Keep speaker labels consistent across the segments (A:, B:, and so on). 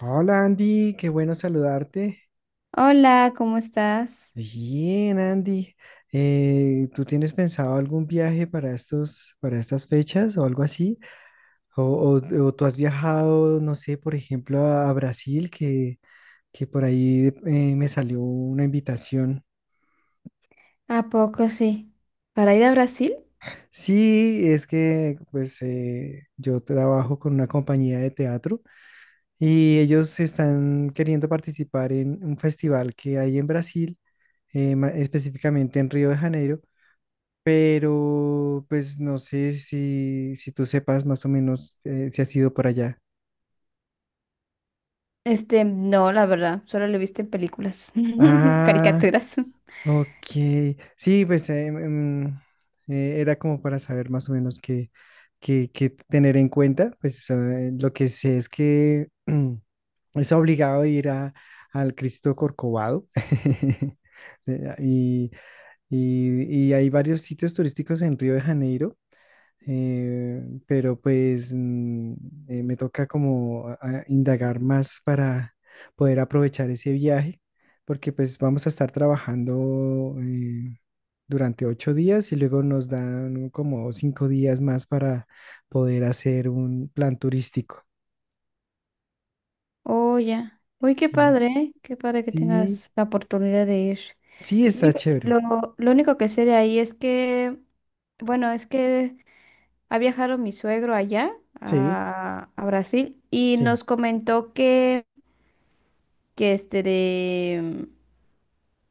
A: Hola Andy, qué bueno saludarte.
B: Hola, ¿cómo estás?
A: Bien, Andy. ¿Tú tienes pensado algún viaje para estas fechas o algo así? O tú has viajado, no sé, por ejemplo, a Brasil, que por ahí me salió una invitación.
B: ¿A poco sí? ¿Para ir a Brasil?
A: Sí, es que pues yo trabajo con una compañía de teatro y ellos están queriendo participar en un festival que hay en Brasil, específicamente en Río de Janeiro. Pero pues no sé si tú sepas más o menos si has ido por allá.
B: No, la verdad, solo lo he visto en películas,
A: Ah,
B: caricaturas.
A: ok. Sí, pues em, era como para saber más o menos qué tener en cuenta. Pues lo que sé es que es obligado ir al Cristo Corcovado. Eh, Y, y hay varios sitios turísticos en Río de Janeiro, pero pues me toca como a indagar más para poder aprovechar ese viaje, porque pues vamos a estar trabajando durante 8 días y luego nos dan como 5 días más para poder hacer un plan turístico.
B: Oh, ya. Uy,
A: Sí,
B: qué padre que
A: sí,
B: tengas la oportunidad de ir.
A: sí,
B: Lo
A: está
B: único,
A: chévere.
B: lo, lo único que sé de ahí es que, bueno, es que ha viajado mi suegro allá
A: Sí,
B: a Brasil y
A: sí,
B: nos comentó que, que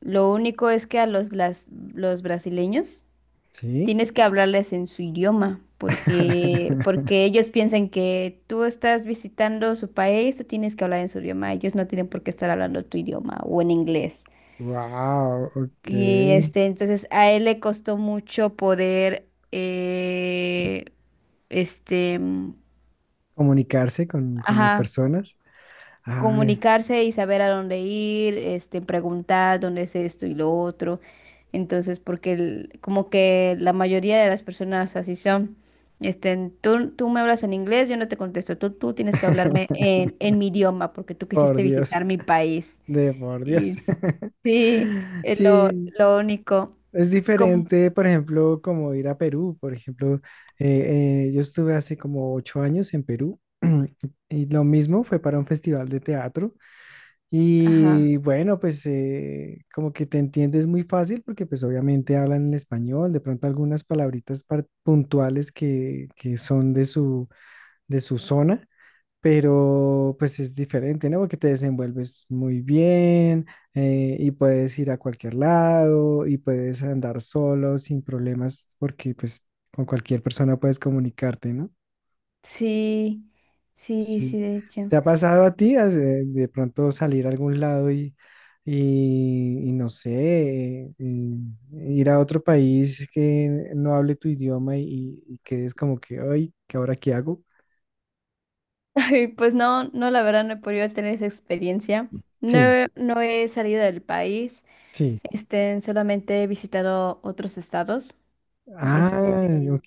B: lo único es que a los, los brasileños
A: sí.
B: tienes que hablarles en su idioma, porque, porque ellos piensan que tú estás visitando su país, tú tienes que hablar en su idioma, ellos no tienen por qué estar hablando tu idioma o en inglés.
A: Wow,
B: Y
A: ok.
B: entonces a él le costó mucho poder, este, mm,
A: Comunicarse con las
B: ajá,
A: personas. Ah,
B: comunicarse y saber a dónde ir, preguntar dónde es esto y lo otro. Entonces, porque como que la mayoría de las personas así son. Tú me hablas en inglés, yo no te contesto. Tú tienes que hablarme en mi idioma porque tú
A: Por
B: quisiste visitar
A: Dios,
B: mi país.
A: de por Dios.
B: Y sí, es
A: Sí,
B: lo único.
A: es
B: Y como,
A: diferente, por ejemplo, como ir a Perú. Por ejemplo, yo estuve hace como 8 años en Perú. Y lo mismo fue para un festival de teatro.
B: ajá,
A: Y bueno, pues como que te entiendes muy fácil porque pues obviamente hablan en español, de pronto algunas palabritas puntuales que son de de su zona. Pero pues es diferente, ¿no? Porque te desenvuelves muy bien, y puedes ir a cualquier lado y puedes andar solo sin problemas porque pues con cualquier persona puedes comunicarte, ¿no?
B: sí, sí,
A: Sí.
B: sí, de hecho.
A: ¿Te ha pasado a ti has, de pronto salir a algún lado y no sé, y ir a otro país que no hable tu idioma, y quedes como que, ay, ¿qué ahora qué hago?
B: Y pues no, no, la verdad no he podido tener esa experiencia. No,
A: Sí,
B: no he salido del país,
A: sí.
B: solamente he visitado otros estados.
A: Ah,
B: Este, de-
A: ok.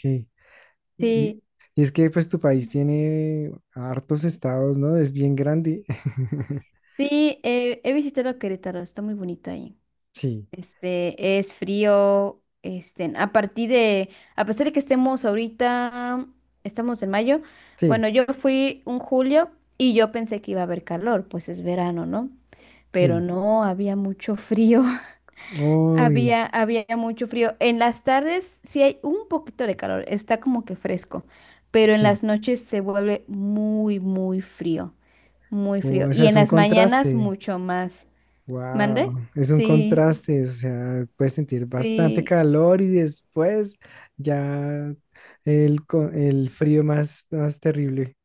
A: Y
B: sí,
A: y es que pues tu país tiene hartos estados, ¿no? Es bien grande.
B: sí, he visitado Querétaro, está muy bonito ahí.
A: Sí,
B: Es frío, a partir de, a pesar de que estemos ahorita, estamos en mayo,
A: sí,
B: bueno, yo fui un julio y yo pensé que iba a haber calor, pues es verano, ¿no? Pero
A: sí.
B: no, había mucho frío.
A: Uy,
B: Había mucho frío. En las tardes sí hay un poquito de calor, está como que fresco, pero en
A: sí.
B: las noches se vuelve muy frío, muy frío.
A: O sea,
B: Y
A: es
B: en
A: un
B: las mañanas
A: contraste.
B: mucho más.
A: Wow,
B: ¿Mande?
A: es un
B: Sí,
A: contraste. O sea, puedes sentir bastante
B: sí,
A: calor y después ya el frío más, más terrible.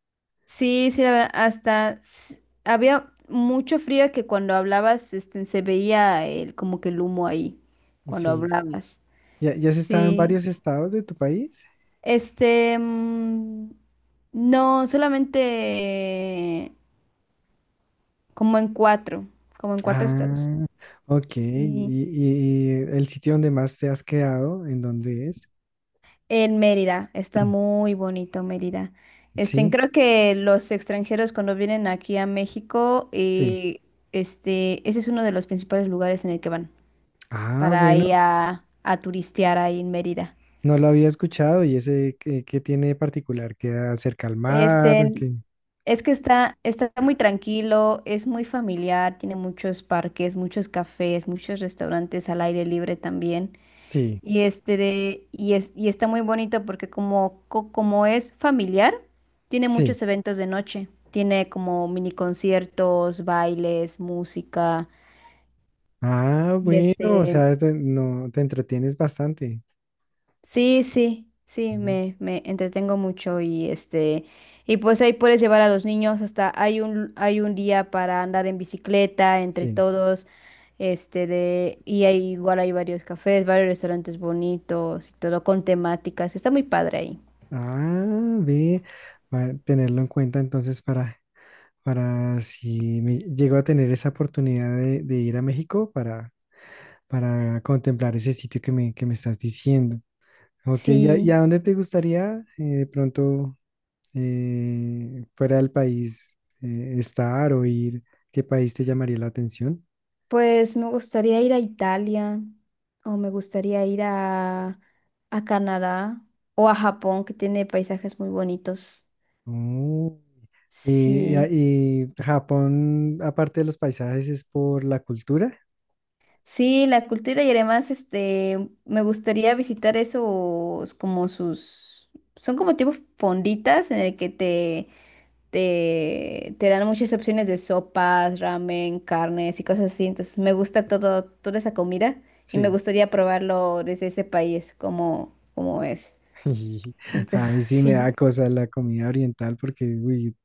B: sí, sí, la verdad, hasta había mucho frío que cuando hablabas, se veía el, como que el humo ahí, cuando
A: Sí.
B: hablabas.
A: ¿Ya, ya has estado en
B: Sí,
A: varios estados de tu país?
B: este, mm, no, solamente... como en cuatro, como en cuatro estados.
A: Ah, ok. ¿Y,
B: Sí,
A: y el sitio donde más te has quedado, en dónde es?
B: en Mérida, está muy bonito Mérida.
A: Sí,
B: Creo que los extranjeros cuando vienen aquí a México,
A: sí.
B: ese es uno de los principales lugares en el que van
A: Ah,
B: para
A: bueno,
B: ir a turistear ahí en Mérida.
A: no lo había escuchado. ¿Y ese qué, tiene de particular? ¿Qué acerca al mar?
B: Este,
A: Que
B: es que está, está muy tranquilo, es muy familiar, tiene muchos parques, muchos cafés, muchos restaurantes al aire libre también.
A: sí,
B: Y es, y está muy bonito porque como, como es familiar, tiene
A: sí.
B: muchos eventos de noche. Tiene como mini conciertos, bailes, música.
A: Ah,
B: Y
A: bueno, o sea, te, no, te entretienes bastante.
B: sí, sí, sí,
A: Mm,
B: me entretengo mucho y y pues ahí puedes llevar a los niños hasta hay un día para andar en bicicleta entre
A: sí.
B: todos. Y hay, igual hay varios cafés, varios restaurantes bonitos y todo con temáticas. Está muy padre ahí.
A: Ah, ve, va a tenerlo en cuenta entonces para si me llego a tener esa oportunidad de ir a México para, contemplar ese sitio que me estás diciendo. Ok, ¿y a
B: Sí.
A: dónde te gustaría de pronto, fuera del país, estar o ir? ¿Qué país te llamaría la atención?
B: Pues me gustaría ir a Italia o me gustaría ir a Canadá o a Japón, que tiene paisajes muy bonitos.
A: Oh.
B: Sí,
A: Y Japón, aparte de los paisajes, es por la cultura.
B: sí, la cultura y además me gustaría visitar esos como sus, son como tipo fonditas en el que te, te dan muchas opciones de sopas, ramen, carnes y cosas así. Entonces me gusta todo, toda esa comida y me
A: Sí.
B: gustaría probarlo desde ese país, como, como es.
A: A
B: Entonces,
A: mí sí me da
B: sí,
A: cosa la comida oriental porque, uy,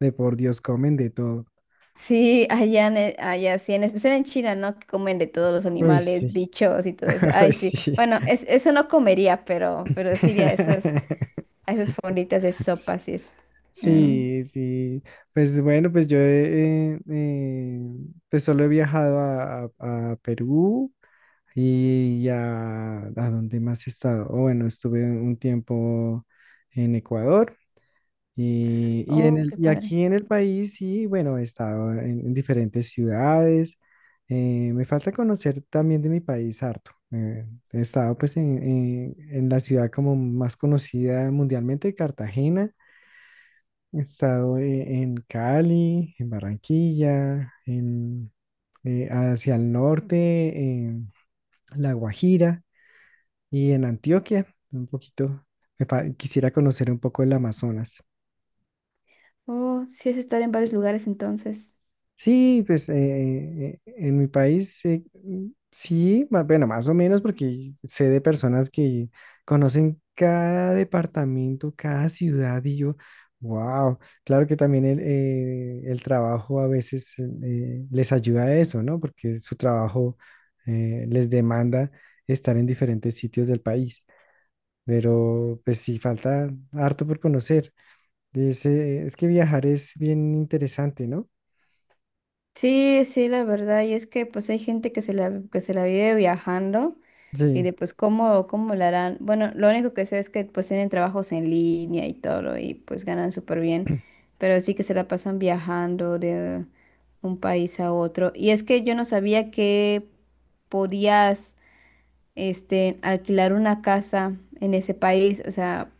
A: de por Dios comen de todo.
B: sí, allá, allá sí, en especial en China, ¿no? Que comen de todos los
A: Uy,
B: animales,
A: sí.
B: bichos y todo eso.
A: Uy,
B: Ay, sí.
A: sí.
B: Bueno, es, eso no comería, pero sí iría a esas fonditas de sopas y eso. Mm.
A: Sí, sí. Pues bueno, pues pues solo he viajado a Perú. ¿Y ya a dónde más he estado? O bueno, estuve un tiempo en Ecuador y, y en
B: Oh,
A: el,
B: qué
A: y
B: padre.
A: aquí en el país, y bueno, he estado en diferentes ciudades. Me falta conocer también de mi país harto. He estado pues en la ciudad como más conocida mundialmente, Cartagena. He estado, en Cali, en Barranquilla, en, hacia el norte, en La Guajira. Y en Antioquia, un poquito. Quisiera conocer un poco el Amazonas.
B: Oh, sí es estar en varios lugares entonces.
A: Sí, pues en mi país, sí, bueno, más o menos, porque sé de personas que conocen cada departamento, cada ciudad, y yo, wow. Claro que también el trabajo a veces les ayuda a eso, ¿no? Porque su trabajo les demanda estar en diferentes sitios del país, pero pues sí, falta harto por conocer. Dice, es que viajar es bien interesante, ¿no?
B: Sí, sí, la verdad, y es que pues hay gente que que se la vive viajando y
A: Sí.
B: de pues cómo, cómo la harán. Bueno, lo único que sé es que pues tienen trabajos en línea y todo y pues ganan súper bien, pero sí que se la pasan viajando de un país a otro. Y es que yo no sabía que podías alquilar una casa en ese país. O sea,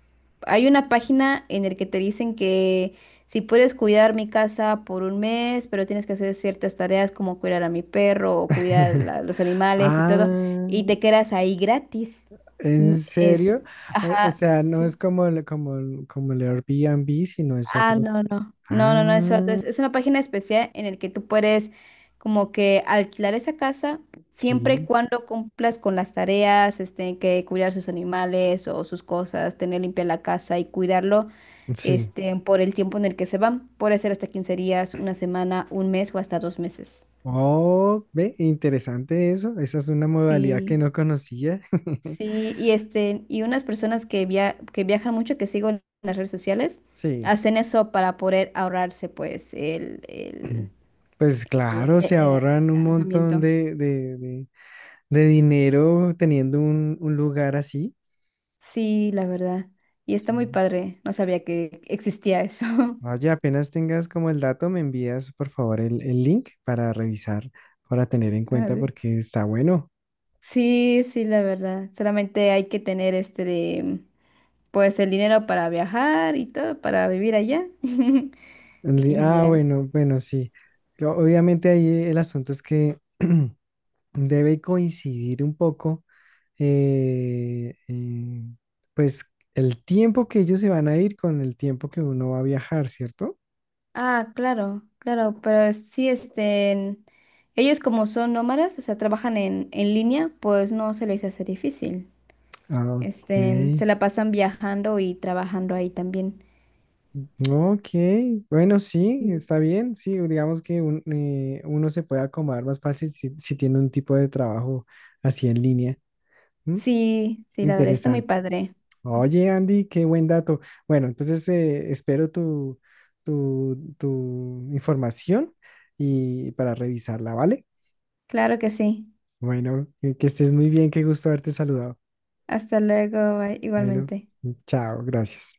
B: hay una página en la que te dicen que si puedes cuidar mi casa por un mes, pero tienes que hacer ciertas tareas como cuidar a mi perro o cuidar los animales y todo, y
A: Ah,
B: te quedas ahí gratis.
A: ¿en
B: Mm, es,
A: serio? O
B: ajá,
A: sea, no es como el Airbnb, sino es
B: Ah,
A: otro.
B: no, no. No, no, no, es otro.
A: Ah,
B: Es una página especial en el que tú puedes como que alquilar esa casa siempre y
A: sí,
B: cuando cumplas con las tareas, que cuidar sus animales o sus cosas, tener limpia la casa y cuidarlo,
A: sí.
B: por el tiempo en el que se van. Puede ser hasta 15 días, una semana, un mes o hasta 2 meses.
A: Oh, ve, interesante eso. Esa es una modalidad que
B: Sí,
A: no conocía.
B: sí, y y unas personas que que viajan mucho, que sigo en las redes sociales,
A: Sí.
B: hacen eso para poder ahorrarse, pues,
A: Pues claro, se
B: el
A: ahorran un montón
B: alojamiento.
A: de dinero teniendo un lugar así.
B: Sí, la verdad. Y está muy
A: Sí.
B: padre. No sabía que existía eso.
A: Oye, apenas tengas como el dato, me envías por favor el link para revisar, para tener en
B: A
A: cuenta
B: ver.
A: porque está bueno.
B: Sí, sí, la verdad. Solamente hay que tener pues el dinero para viajar y todo, para vivir allá. Y
A: Ah,
B: ya.
A: bueno, bueno, sí. Obviamente ahí el asunto es que debe coincidir un poco, eh, eh, pues el tiempo que ellos se van a ir con el tiempo que uno va a viajar, ¿cierto?
B: Ah, claro, claro, pero sí, ellos como son nómadas, o sea, trabajan en línea, pues no se les hace difícil.
A: Ah, ok.
B: Se la pasan viajando y trabajando ahí también.
A: Ok, bueno, sí, está bien, sí, digamos que uno se puede acomodar más fácil si tiene un tipo de trabajo así en línea. ¿M?
B: Sí, sí, la verdad está muy
A: Interesante.
B: padre.
A: Oye, Andy, qué buen dato. Bueno, entonces espero tu información y para revisarla, ¿vale?
B: Claro que sí.
A: Bueno, que estés muy bien, qué gusto haberte saludado.
B: Hasta luego, bye,
A: Bueno,
B: igualmente.
A: chao, gracias.